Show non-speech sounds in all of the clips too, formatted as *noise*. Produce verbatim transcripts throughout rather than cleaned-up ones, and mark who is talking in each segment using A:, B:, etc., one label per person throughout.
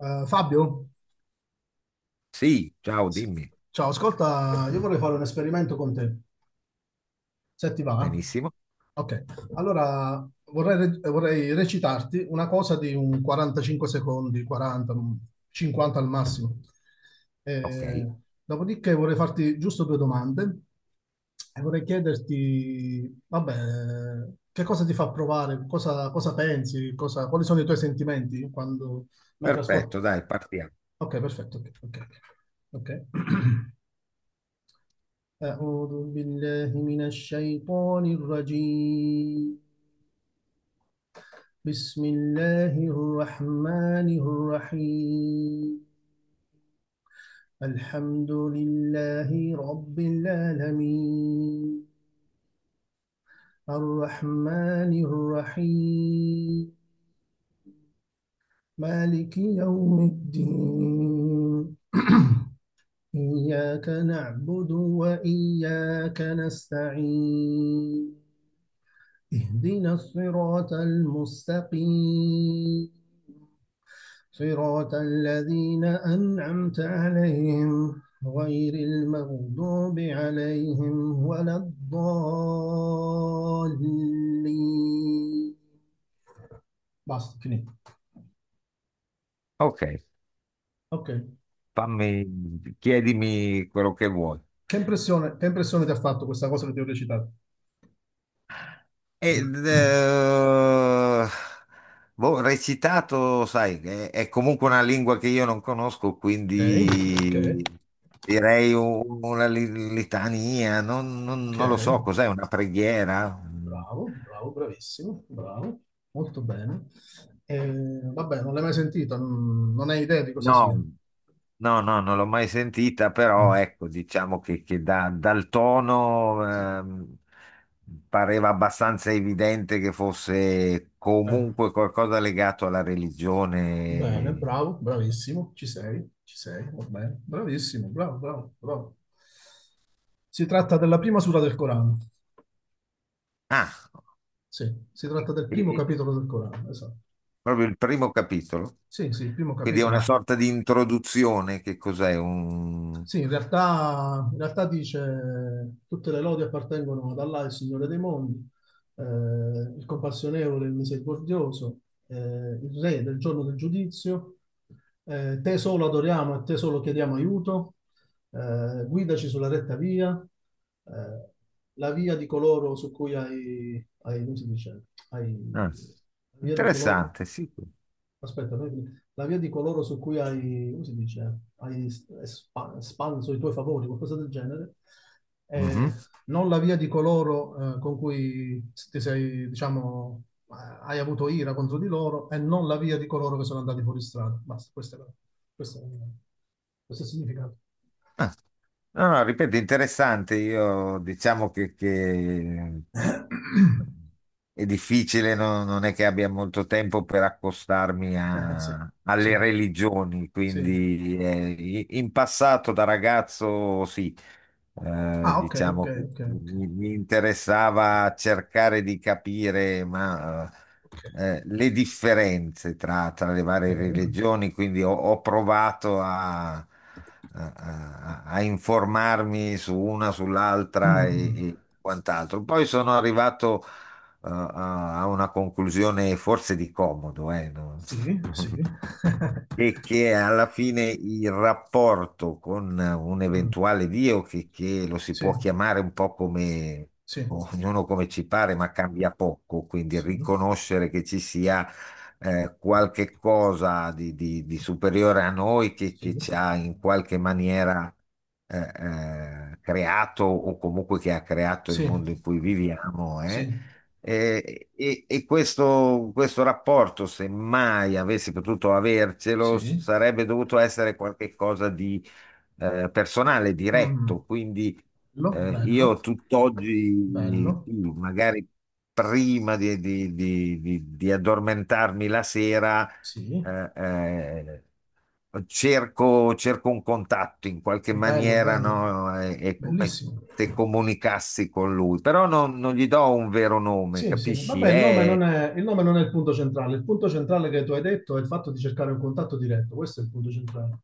A: Eh, Fabio,
B: Sì, ciao,
A: sì.
B: dimmi.
A: Ciao, ascolta, io vorrei fare un esperimento con te, se ti va. Eh?
B: Benissimo.
A: Ok, allora vorrei, re- vorrei recitarti una cosa di un quarantacinque secondi, quaranta, un cinquanta al massimo.
B: Ok,
A: Eh, Dopodiché vorrei farti giusto due domande e vorrei chiederti, vabbè, che cosa ti fa provare, cosa, cosa pensi, cosa- quali sono i tuoi sentimenti quando, mentre ascolti.
B: perfetto, dai, partiamo.
A: Ok, perfetto, ok, ok, ok. *clears throat* أعوذ بالله من الشيطان الرجيم بسم الله الرحمن الرحيم الحمد لله رب العالمين الرحمن الرحيم مالك يوم الدين إياك نعبد وإياك نستعين اهدنا الصراط المستقيم صراط الذين أنعمت عليهم غير المغضوب عليهم ولا الضالين. Basta, finito.
B: Ok,
A: Ok.
B: fammi, chiedimi quello che vuoi.
A: Che impressione, che impressione ti ha fatto questa cosa che ti ho recitato?
B: Ed, eh, boh, recitato, sai, è, è comunque una lingua che io non conosco,
A: Ok, ok,
B: quindi direi un- una li- litania, non, non- non lo so,
A: ok,
B: cos'è, una preghiera?
A: bravo, bravo, bravissimo, bravo, molto bene. Eh, Vabbè, non l'hai mai sentita, non non hai idea di cosa
B: No,
A: sia.
B: no, no, non l'ho mai sentita, però
A: Mm,
B: ecco, diciamo che, che da- dal tono
A: sì.
B: ehm, pareva abbastanza evidente che fosse
A: Bene,
B: comunque qualcosa legato alla
A: bene,
B: religione.
A: bravo, bravissimo, ci sei, ci sei, va bene, bravissimo, bravo, bravo, bravo. Si tratta della prima sura del Corano,
B: Ah,
A: sì, si tratta del
B: e-
A: primo
B: e-
A: capitolo del Corano, esatto.
B: proprio il primo capitolo.
A: Sì, sì, il primo
B: Quindi è una
A: capitolo.
B: sorta di introduzione, che cos'è? Un...
A: Sì, in realtà, in realtà dice: tutte le lodi appartengono ad Allah, il Signore dei mondi, eh, il compassionevole, il misericordioso, eh, il Re del giorno del giudizio, eh, te solo adoriamo e te solo chiediamo aiuto, eh, guidaci sulla retta via, eh, la via di coloro su cui hai, hai, come si dice, hai,
B: ah,
A: la via di coloro.
B: interessante, sì.
A: Aspetta, noi- la via di coloro su cui hai, come si dice, hai espa- espanso i tuoi favori, qualcosa del genere,
B: Mhm.
A: eh, non la via di coloro eh, con cui ti sei, diciamo, eh, hai avuto ira contro di loro e non la via di coloro che sono andati fuori strada. Basta, questo è, la- questo è, questo è il significato.
B: Ah, no, no, ripeto, interessante. Io diciamo che, che
A: *coughs*
B: è difficile, no- non è che abbia molto tempo per accostarmi
A: Eh, sì,
B: a-
A: sì,
B: alle religioni,
A: sì.
B: quindi eh, in passato da ragazzo sì, eh,
A: Ah, ok, ok,
B: diciamo,
A: ok, ok,
B: mi, mi interessava cercare di capire, ma,
A: ok,
B: eh, eh, le differenze tra, tra le varie
A: ok.
B: religioni, quindi ho, ho provato a, a- a- a informarmi su una, sull'altra e,
A: Mm.
B: e quant'altro. Poi sono arrivato, eh, a a una conclusione forse di comodo, eh, no?
A: Sì, sì. *laughs*
B: E che alla fine il rapporto con un
A: Mm,
B: eventuale Dio, che, che lo si
A: sì,
B: può chiamare un po' come
A: sì,
B: ognuno come ci pare, ma cambia poco, quindi
A: sì,
B: riconoscere che ci sia eh, qualche cosa di, di- di superiore a noi che, che
A: sì,
B: ci ha in qualche maniera eh, eh, creato o comunque che ha creato il
A: sì,
B: mondo in cui viviamo, eh.
A: sì,
B: Eh, e e questo, questo rapporto, se mai avessi potuto avercelo,
A: sì.
B: sarebbe dovuto essere qualcosa di eh, personale,
A: Mm,
B: diretto. Quindi
A: bello,
B: eh,
A: bello,
B: io tutt'oggi,
A: bello,
B: sì, magari prima di, di- di- di- di addormentarmi la sera,
A: sì.
B: eh, eh, cerco, cerco un contatto in qualche
A: Bello,
B: maniera,
A: bello,
B: no? È, è come
A: bellissimo.
B: se comunicassi con lui, però non, non gli do un vero nome,
A: Sì, sì.
B: capisci?
A: Vabbè, il nome non
B: È,
A: è, il nome non è il punto centrale. Il punto centrale che tu hai detto è il fatto di cercare un contatto diretto. Questo è il punto centrale.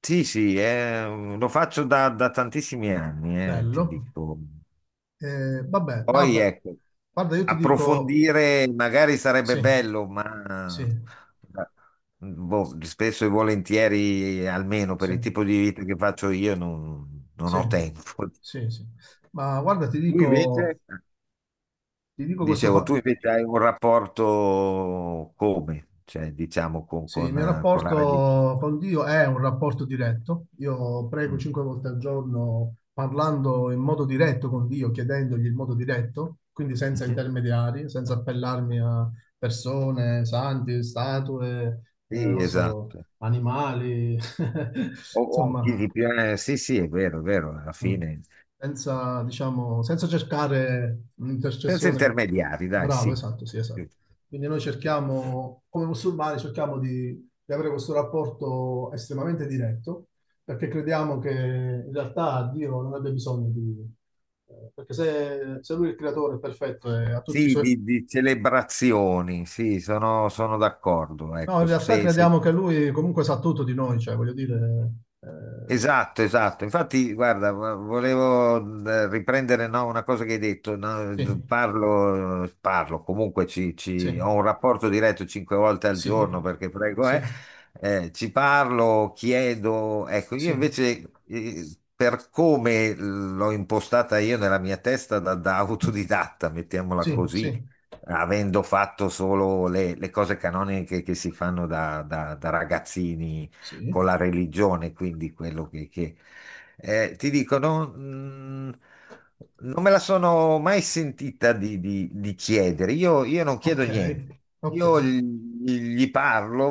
B: Sì, sì, è- lo faccio da, da tantissimi anni, eh, ti
A: Bello.
B: dico.
A: Eh, vabbè,
B: Poi
A: guarda,
B: ecco,
A: guarda, io ti dico
B: approfondire magari sarebbe
A: sì,
B: bello,
A: sì,
B: ma boh, spesso e volentieri, almeno per
A: sì.
B: il tipo di vita che faccio io, non, non
A: Sì,
B: ho tempo.
A: sì, sì. Ma guarda, ti
B: Lui invece?
A: dico, ti dico questo
B: Dicevo,
A: fa...
B: tu invece hai un rapporto come? Cioè, diciamo, con,
A: Sì, il
B: con,
A: mio
B: eh, con la religione.
A: rapporto con Dio è un rapporto diretto. Io prego
B: Mm.
A: cinque volte al giorno parlando in modo diretto con Dio, chiedendogli il modo diretto, quindi senza
B: Mhm.
A: intermediari, senza appellarmi a persone, santi, statue, eh,
B: Sì,
A: non so,
B: esatto.
A: animali,
B: O,
A: *laughs*
B: o chi
A: insomma.
B: di più- eh, Sì, sì, è vero, è vero, alla
A: Mm.
B: fine.
A: Senza, diciamo, senza cercare
B: Senza
A: un'intercessione.
B: intermediari, dai,
A: Bravo,
B: sì.
A: esatto, sì, esatto. Quindi noi cerchiamo, come musulmani, cerchiamo di, di avere questo rapporto estremamente diretto, perché crediamo che in realtà Dio non abbia bisogno di... eh, perché se, se Lui è il creatore è perfetto e ha tutti i
B: Sì,
A: suoi...
B: di, di celebrazioni, sì, sono, sono d'accordo.
A: No, in
B: Ecco,
A: realtà
B: se, se
A: crediamo che Lui comunque sa tutto di noi, cioè voglio dire... eh,
B: Esatto, esatto. Infatti, guarda, vo- volevo eh, riprendere, no, una cosa che hai detto, no.
A: sì,
B: Parlo, parlo, comunque ci,
A: sì,
B: ci- ho un rapporto diretto cinque volte al
A: sì,
B: giorno perché prego,
A: sì,
B: eh, eh, ci parlo, chiedo. Ecco, io
A: sì,
B: invece, eh, per come l'ho impostata io nella mia testa da, da autodidatta, mettiamola
A: sì,
B: così,
A: sì.
B: avendo fatto solo le, le cose canoniche che si fanno da, da- da ragazzini
A: Sì,
B: con la religione, quindi quello che, che- eh, ti dico, non, mm, non me la sono mai sentita di, di- di chiedere. Io, io non chiedo
A: ok,
B: niente.
A: ok,
B: Io gli, gli parlo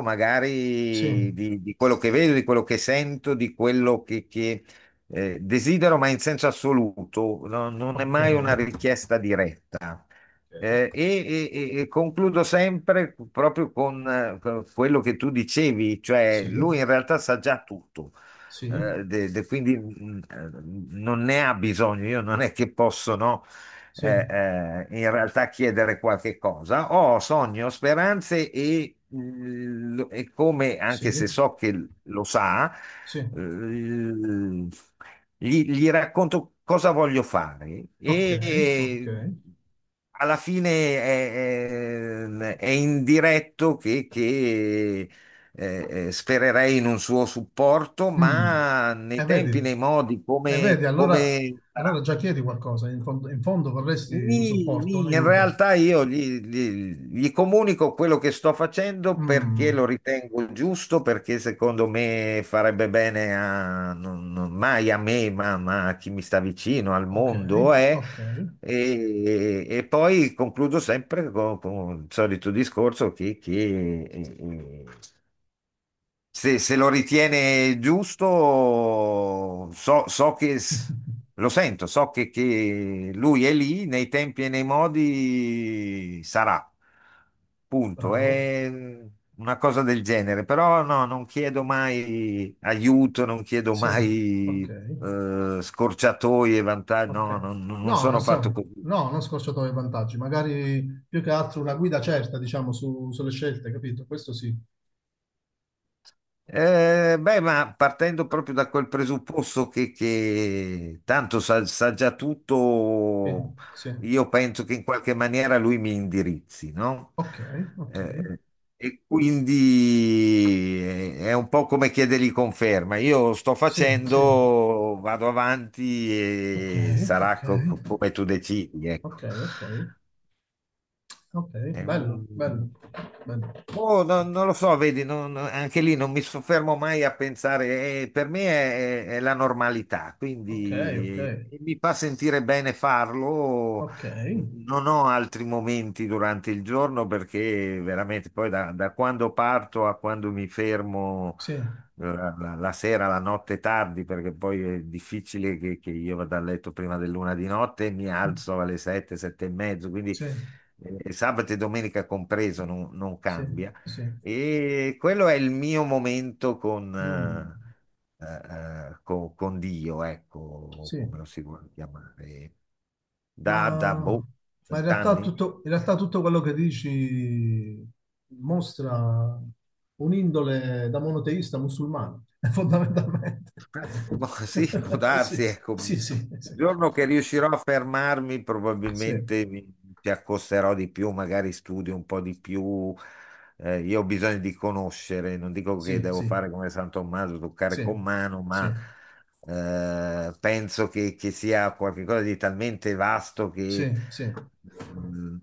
A: sì,
B: magari di, di quello che vedo, di quello che sento, di quello che, che, eh, desidero, ma in senso assoluto. No- non è
A: ok,
B: mai una richiesta diretta. Eh,
A: ok,
B: e, e- e- e concludo sempre proprio con eh, con quello che tu dicevi, cioè
A: sì,
B: lui in realtà sa già tutto,
A: sì,
B: eh, de- de- quindi mh, eh, non ne ha bisogno, io non è che posso, no,
A: sì,
B: eh, eh, in realtà chiedere qualche cosa. Ho sogni, ho speranze e, l- e come, anche
A: sì,
B: se so che l- lo sa,
A: sì,
B: l- gli, gli racconto cosa voglio fare
A: ok, ok.
B: e alla fine è, è- è indiretto che, che eh, eh, spererei in un suo supporto,
A: Mm.
B: ma
A: E
B: nei
A: vedi,
B: tempi, nei modi,
A: e vedi,
B: come
A: allora,
B: come sarà?
A: allora già chiedi qualcosa, in fondo, in fondo vorresti un
B: Mi-
A: supporto, un
B: mi- in
A: aiuto.
B: realtà io gli, gli- gli comunico quello che sto facendo perché lo
A: Mm.
B: ritengo giusto, perché secondo me farebbe bene a, non- non- mai a me, ma, ma a chi mi sta vicino, al
A: Ok,
B: mondo. eh.
A: ok,
B: E, e poi concludo sempre con, con il solito discorso che, che, eh, se, se lo ritiene giusto, so, so che s-
A: *laughs*
B: lo sento, so che, che lui è lì nei tempi e nei modi sarà. Punto.
A: bravo,
B: È una cosa del genere, però no, non chiedo mai aiuto, non chiedo
A: sì,
B: mai
A: ok,
B: eh, scorciatoie, vantaggi. No,
A: ok.
B: non, non
A: No, non
B: sono fatto
A: siamo,
B: così.
A: no, non scorciatoie vantaggi, magari più che altro una guida certa, diciamo, su- sulle scelte, capito? Questo sì.
B: Eh, beh, ma partendo proprio da quel presupposto che, che tanto sa, sa già
A: Sì,
B: tutto,
A: sì.
B: io penso che in qualche maniera lui mi indirizzi, no?
A: Ok, ok.
B: Eh, e quindi è è un po' come chiedergli conferma. Io sto
A: Sì, sì.
B: facendo, vado avanti
A: Ok,
B: e sarà
A: ok.
B: co- co- come tu decidi, ecco.
A: Ok, ok. Ok,
B: È
A: bello,
B: un-
A: bello, bello.
B: Boh, no- non lo so, vedi, non- anche lì non mi soffermo mai a pensare, eh, per me è, è la normalità,
A: Ok, ok.
B: quindi eh, mi fa sentire bene farlo.
A: Ok.
B: Non ho altri momenti durante il giorno perché veramente poi da, da quando parto a quando mi fermo
A: Sì.
B: eh, la, la- la sera, la notte tardi, perché poi è difficile che, che io vada a letto prima dell'una di notte e mi
A: Mm.
B: alzo alle sette, sette e mezzo, quindi
A: Sì,
B: eh, sabato e domenica compreso, non, non
A: sì,
B: cambia.
A: sì.
B: E quello è il mio momento con,
A: Mm,
B: eh, eh, con, con Dio, ecco, come lo
A: sì.
B: si vuole chiamare. Da, da
A: Ma,
B: boh,
A: ma in realtà
B: vent'anni?
A: tutto, in realtà tutto quello che dici mostra un'indole da monoteista musulmano, *laughs* fondamentalmente.
B: *laughs* Ma
A: *laughs*
B: sì, può darsi,
A: Sì,
B: ecco.
A: sì, sì,
B: Il
A: sì,
B: giorno che riuscirò a fermarmi,
A: sì,
B: probabilmente mi ci accosterò di più, magari studio un po' di più. Eh, io ho bisogno di conoscere, non dico che
A: sì,
B: devo
A: sì,
B: fare come San Tommaso, toccare
A: sì,
B: con mano,
A: sì,
B: ma eh, penso che, che sia qualcosa di talmente vasto che
A: sì, sì,
B: mm,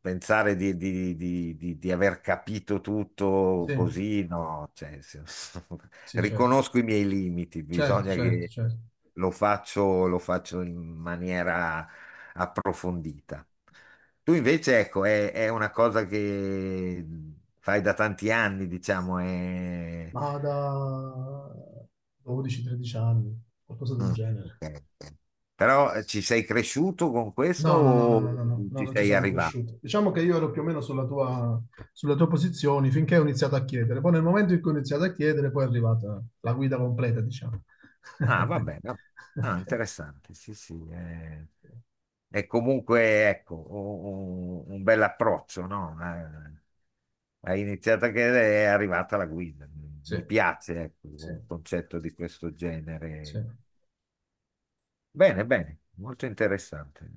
B: pensare di, di- di- di- di aver capito tutto
A: sì,
B: così, no, cioè, *laughs*
A: sì, certo,
B: riconosco i miei limiti,
A: certo,
B: bisogna
A: certo,
B: che
A: certo.
B: lo faccio, lo faccio in maniera approfondita. Tu invece, ecco, è, è una cosa che fai da tanti anni, diciamo, è...
A: Ma da dodici o tredici anni, qualcosa del
B: Mm,
A: genere.
B: ok, ok. Però eh, ci sei cresciuto con questo
A: No, no, no, no,
B: o
A: no, no, no, no,
B: ci
A: non ci
B: sei
A: sono
B: arrivato?
A: cresciuto. Diciamo che io ero più o meno sulla tua, sulla tua posizione finché ho iniziato a chiedere. Poi nel momento in cui ho iniziato a chiedere, poi è arrivata la guida completa, diciamo.
B: Ah, va
A: *laughs*
B: bene, no. Ah,
A: Ok.
B: interessante. Sì, sì. eh. È comunque, ecco, un, un bel approccio, no? Eh, Hai iniziato che è arrivata la guida.
A: Sì,
B: Mi piace, ecco,
A: sì,
B: un concetto di questo genere.
A: sì.
B: Bene, bene, molto interessante.